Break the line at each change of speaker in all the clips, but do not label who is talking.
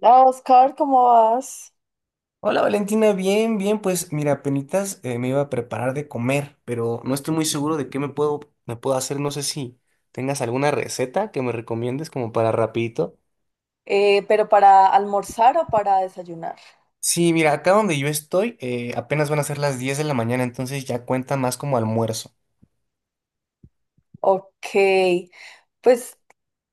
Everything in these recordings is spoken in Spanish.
Hola Oscar, ¿cómo vas?
Hola Valentina, bien, bien, pues mira, apenitas me iba a preparar de comer, pero no estoy muy seguro de qué me puedo hacer, no sé si tengas alguna receta que me recomiendes como para rapidito.
¿pero para almorzar o para desayunar?
Sí, mira, acá donde yo estoy apenas van a ser las 10 de la mañana, entonces ya cuenta más como almuerzo.
Ok, pues,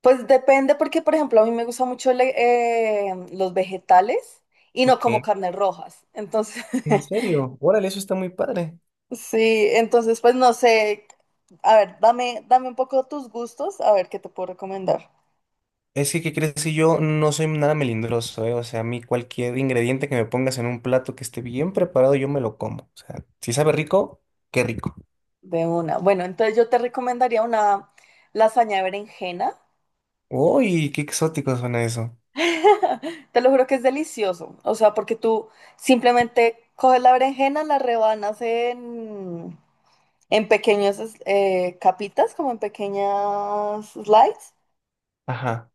pues depende porque, por ejemplo, a mí me gustan mucho los vegetales y no como
Ok.
carnes rojas. Entonces,
¿En serio? Órale, eso está muy padre.
sí, entonces pues no sé, a ver, dame un poco tus gustos, a ver qué te puedo recomendar.
Es que, ¿qué crees? Que yo no soy nada melindroso, ¿eh? O sea, a mí cualquier ingrediente que me pongas en un plato que esté bien preparado, yo me lo como. O sea, si sabe rico, qué rico.
De una. Bueno, entonces yo te recomendaría una lasaña de berenjena.
Uy, qué exótico suena eso.
Te lo juro que es delicioso. O sea, porque tú simplemente coges la berenjena, la rebanas en pequeñas capitas, como en pequeñas slices,
Ajá.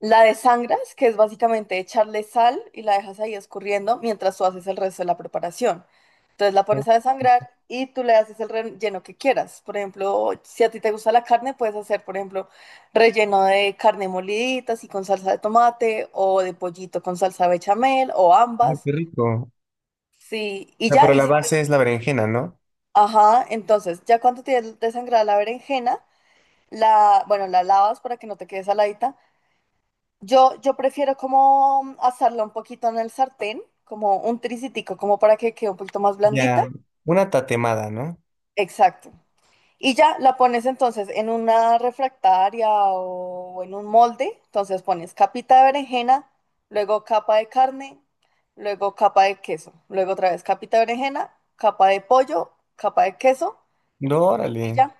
la desangras, que es básicamente echarle sal y la dejas ahí escurriendo mientras tú haces el resto de la preparación. Entonces la
Oh.
pones a desangrar y tú le haces el relleno que quieras. Por ejemplo, si a ti te gusta la carne, puedes hacer, por ejemplo, relleno de carne molidita, así con salsa de tomate, o de pollito con salsa bechamel, o
Ay,
ambas.
qué rico.
Sí, y
Ah,
ya,
pero
y
la base es la berenjena, ¿no?
ajá, entonces, ya cuando tienes desangrada la berenjena, la, bueno, la lavas para que no te quede saladita. Yo prefiero como asarla un poquito en el sartén, como un tricitico, como para que quede un poquito más blandita.
Ya, una tatemada, ¿no?
Exacto. Y ya la pones entonces en una refractaria o en un molde. Entonces pones capita de berenjena, luego capa de carne, luego capa de queso, luego otra vez capita de berenjena, capa de pollo, capa de queso
No,
y
órale.
ya.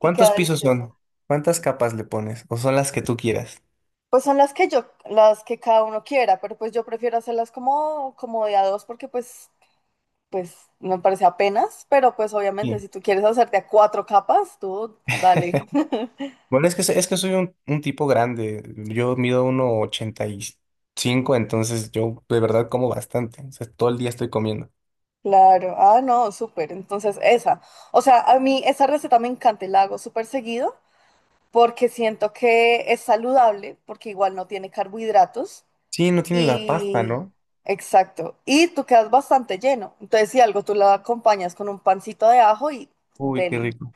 Y queda
pisos son?
delicioso.
¿Cuántas capas le pones? ¿O son las que tú quieras?
Pues son las que yo, las que cada uno quiera, pero pues yo prefiero hacerlas como, como de a dos porque pues pues me parece apenas, pero pues obviamente
Sí.
si tú quieres hacerte a cuatro capas, tú dale.
Bueno, es que, es que soy un tipo grande. Yo mido 1,85, entonces yo de verdad como bastante. O sea, todo el día estoy comiendo.
Claro, ah, no, súper. Entonces, esa. O sea, a mí esa receta me encanta y la hago súper seguido porque siento que es saludable, porque igual no tiene carbohidratos
Sí, no tiene la pasta,
y...
¿no?
exacto. Y tú quedas bastante lleno. Entonces, si algo tú la acompañas con un pancito de ajo y
Uy, qué
deli.
rico.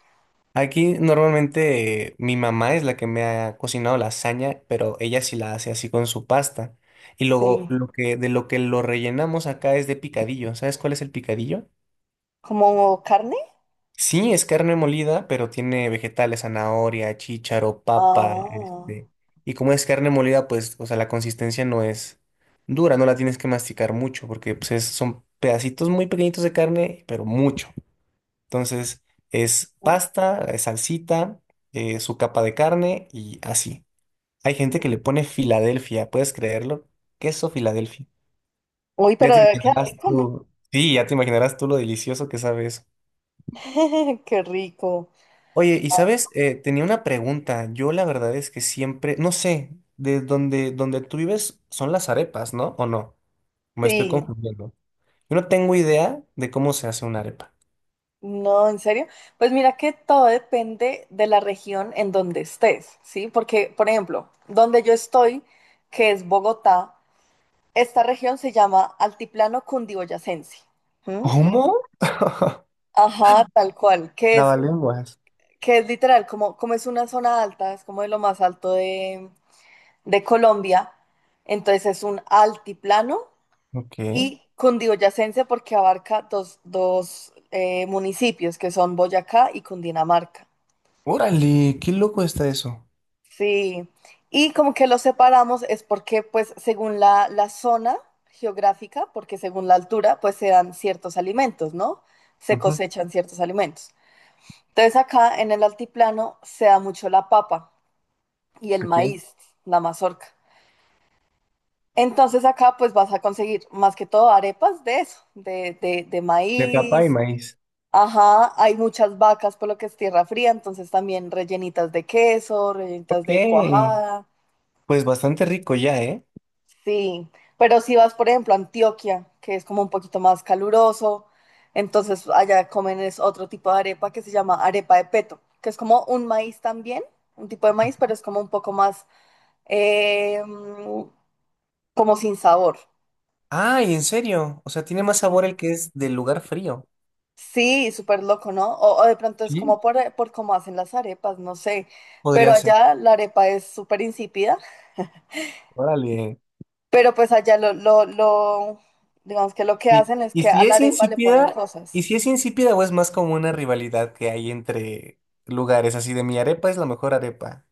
Aquí normalmente mi mamá es la que me ha cocinado lasaña, pero ella sí la hace así con su pasta. Y luego
Sí.
de lo que lo rellenamos acá es de picadillo. ¿Sabes cuál es el picadillo?
¿Como carne?
Sí, es carne molida, pero tiene vegetales, zanahoria, chícharo, papa,
Ah.
este. Y como es carne molida, pues, o sea, la consistencia no es dura, no la tienes que masticar mucho, porque pues, son pedacitos muy pequeñitos de carne, pero mucho. Entonces es pasta, salsita, su capa de carne y así. Hay gente que le pone Filadelfia, ¿puedes creerlo? Queso Filadelfia.
Uy,
Ya
pero
te
debe quedar
imaginarás
rico, ¿no?
tú. Sí, ya te imaginarás tú lo delicioso que sabe eso.
Qué rico.
Oye, y sabes, tenía una pregunta. Yo la verdad es que siempre, no sé, donde tú vives son las arepas, ¿no? ¿O no? Me estoy
Sí,
confundiendo. Yo no tengo idea de cómo se hace una arepa.
no, en serio. Pues mira que todo depende de la región en donde estés, ¿sí? Porque, por ejemplo, donde yo estoy, que es Bogotá, esta región se llama Altiplano Cundiboyacense. ¿Mm?
¿Cómo?
Ajá, tal cual, que es,
Lavalenguas.
que es literal, como, como es una zona alta, es como de lo más alto de Colombia, entonces es un altiplano
Ok.
y cundiboyacense porque abarca municipios que son Boyacá y Cundinamarca.
Órale, qué loco está eso.
Sí, y como que los separamos es porque pues según la zona geográfica, porque según la altura pues se dan ciertos alimentos, ¿no? Se
Ujú,
cosechan ciertos alimentos. Entonces acá en el altiplano se da mucho la papa y el
ok.
maíz, la mazorca. Entonces acá pues vas a conseguir más que todo arepas de eso, de
De papá y
maíz,
maíz.
ajá, hay muchas vacas por lo que es tierra fría, entonces también rellenitas de queso, rellenitas
Ok,
de cuajada,
pues bastante rico ya, ¿eh?
sí. Pero si vas, por ejemplo, a Antioquia, que es como un poquito más caluroso, entonces allá comen es otro tipo de arepa que se llama arepa de peto, que es como un maíz también, un tipo de maíz, pero es como un poco más, eh, mm, como sin sabor.
Ay, en serio. O sea, tiene más
Sí,
sabor el que es del lugar frío.
sí, súper loco, ¿no? O de pronto es como
Sí,
por cómo hacen las arepas, no sé. Pero
podría ser.
allá la arepa es súper insípida.
Órale.
Pero pues allá digamos que lo que
Y,
hacen es
y
que a
si
la
es
arepa le ponen
insípida, y
cosas.
si es insípida o es más como una rivalidad que hay entre lugares así de mi arepa es la mejor arepa.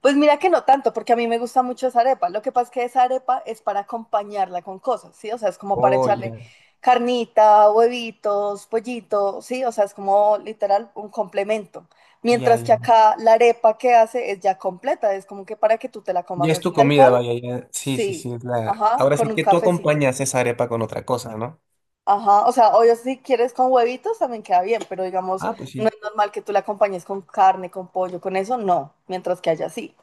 Pues mira que no tanto, porque a mí me gusta mucho esa arepa. Lo que pasa es que esa arepa es para acompañarla con cosas, ¿sí? O sea, es como para
Oh,
echarle
ya,
carnita, huevitos, pollito, ¿sí? O sea, es como literal un complemento.
ya,
Mientras
ya.
que acá la arepa que hace es ya completa, es como que para que tú te la comas
Ya es
así
tu
tal
comida,
cual,
vaya, ya. Sí, sí, sí,
sí,
es la.
ajá,
Ahora
con
sí
un
que tú
cafecito.
acompañas esa arepa con otra cosa, ¿no?
Ajá, o sea, obvio si quieres con huevitos también queda bien, pero digamos,
Ah, pues
no
sí.
es normal que tú la acompañes con carne, con pollo, con eso, no, mientras que haya así.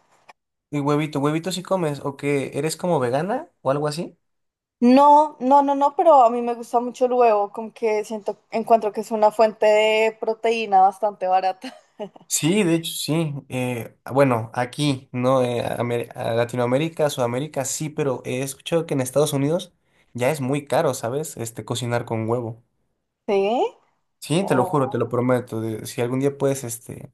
Y huevito, huevito si comes, o que eres como vegana o algo así.
No, no, no, no, pero a mí me gusta mucho el huevo, como que siento, encuentro que es una fuente de proteína bastante barata.
Sí, de hecho, sí. Bueno, aquí, ¿no? A a Latinoamérica, Sudamérica, sí, pero he escuchado que en Estados Unidos ya es muy caro, ¿sabes? Este, cocinar con huevo.
¿Sí?
Sí, te lo
Oh,
juro, te lo prometo. Si algún día puedes, este,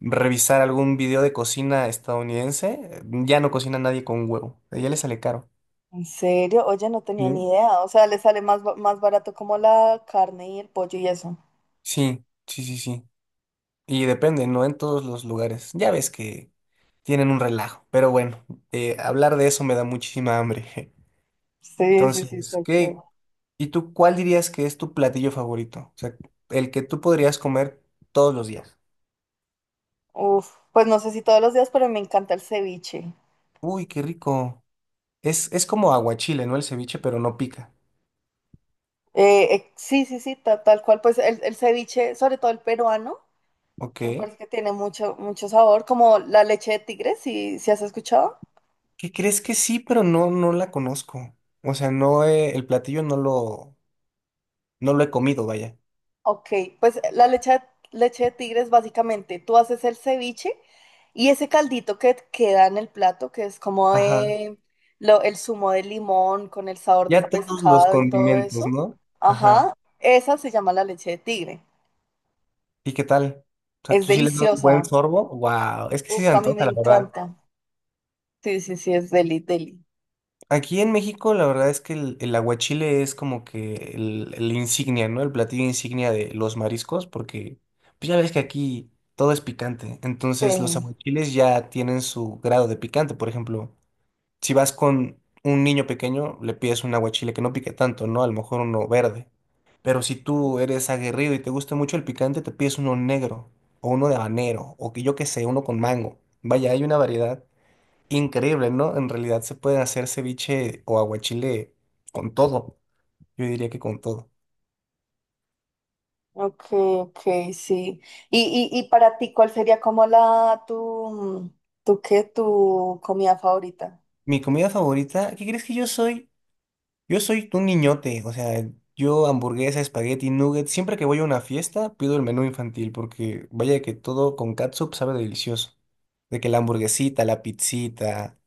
revisar algún video de cocina estadounidense, ya no cocina nadie con huevo. Ya le sale caro.
¿en serio? Oye, no tenía
Sí.
ni idea, o sea, le sale más, más barato como la carne y el pollo y eso.
Sí, sí, sí, sí. Y depende, no en todos los lugares. Ya ves que tienen un relajo, pero bueno, hablar de eso me da muchísima hambre.
Sí, sí, sí,
Entonces,
tal cual.
¿qué? ¿Y tú cuál dirías que es tu platillo favorito? O sea, el que tú podrías comer todos los días.
Uf, pues no sé si todos los días, pero me encanta el ceviche.
Uy, qué rico. Es como aguachile, ¿no? El ceviche, pero no pica.
Sí, sí, sí, tal, cual, pues el ceviche, sobre todo el peruano, que me
Ok.
parece que tiene mucho, mucho sabor, como la leche de tigre, si, si has escuchado.
¿Qué crees que sí, pero no, no la conozco? O sea, no, el platillo no lo, no lo he comido, vaya.
Ok, pues leche de tigre es básicamente, tú haces el ceviche y ese caldito que queda en el plato, que es como
Ajá.
de el zumo de limón con el sabor del
Ya todos los
pescado y todo
condimentos,
eso.
¿no? Ajá.
Ajá, esa se llama la leche de tigre.
¿Y qué tal? O sea,
Es
¿tú sí le das un buen
deliciosa.
sorbo? Wow, es que sí
Uf,
se
a mí me
antoja, la verdad.
encanta. Sí, sí, sí, es deli, deli.
Aquí en México, la verdad es que el aguachile es como que el insignia, ¿no? El platillo insignia de los mariscos, porque pues ya ves que aquí todo es picante. Entonces, los
Sí.
aguachiles ya tienen su grado de picante. Por ejemplo, si vas con un niño pequeño, le pides un aguachile que no pique tanto, ¿no? A lo mejor uno verde. Pero si tú eres aguerrido y te gusta mucho el picante, te pides uno negro o uno de habanero o que yo qué sé, uno con mango. Vaya, hay una variedad increíble, ¿no? En realidad se pueden hacer ceviche o aguachile con todo. Yo diría que con todo.
Ok, ok, sí. Y para ti, ¿cuál sería como la tu, tu qué, tu comida favorita?
Mi comida favorita, ¿qué crees que yo soy? Yo soy un niñote, o sea, yo hamburguesa, espagueti, nuggets, siempre que voy a una fiesta pido el menú infantil porque vaya que todo con catsup sabe delicioso. De que la hamburguesita, la pizzita,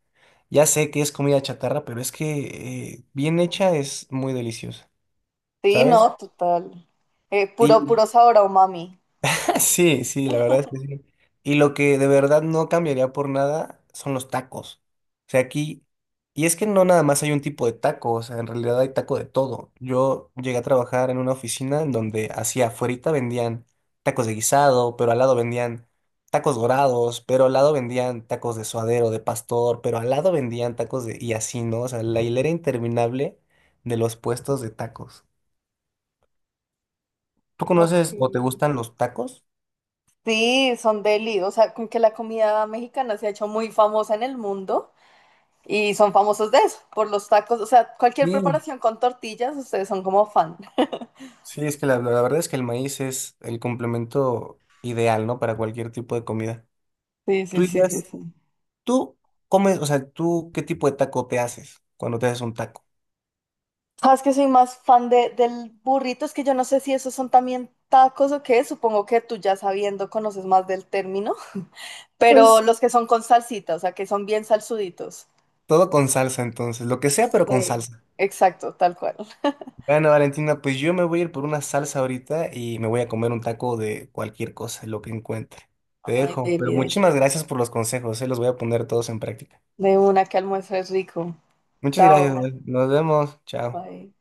ya sé que es comida chatarra, pero es que bien hecha es muy deliciosa,
Sí,
¿sabes?
no, total. Puro,
Y
puro sabor a umami.
Sí, sí, la verdad es que sí. Y lo que de verdad no cambiaría por nada son los tacos. O sea, aquí, y es que no nada más hay un tipo de taco, o sea, en realidad hay taco de todo. Yo llegué a trabajar en una oficina en donde hacia afuerita vendían tacos de guisado, pero al lado vendían tacos dorados, pero al lado vendían tacos de suadero, de pastor, pero al lado vendían tacos de... y así, ¿no? O sea, la hilera interminable de los puestos de tacos. ¿Tú
Ok.
conoces o te gustan los tacos?
Sí, son deli. O sea, con que la comida mexicana se ha hecho muy famosa en el mundo y son famosos de eso, por los tacos. O sea, cualquier
Sí.
preparación con tortillas, ustedes son como fan.
Sí, es que la verdad es que el maíz es el complemento ideal, ¿no? Para cualquier tipo de comida.
Sí,
Tú
sí, sí, sí,
dirías,
sí.
tú comes, o sea, tú, ¿qué tipo de taco te haces cuando te haces un taco?
Sabes que soy más fan de, del burrito, es que yo no sé si esos son también tacos o qué, supongo que tú ya sabiendo conoces más del término, pero
Pues
los que son con salsita, o sea, que son bien salsuditos.
todo con salsa, entonces, lo que sea, pero con
Sí,
salsa.
exacto, tal cual.
Bueno, Valentina, pues yo me voy a ir por una salsa ahorita y me voy a comer un taco de cualquier cosa, lo que encuentre. Te
Ay,
dejo,
deli,
pero
deli.
muchísimas gracias por los consejos, ¿eh? Los voy a poner todos en práctica.
De una que almuerzo es rico.
Muchas gracias,
Chao.
nos vemos, chao.
Bye.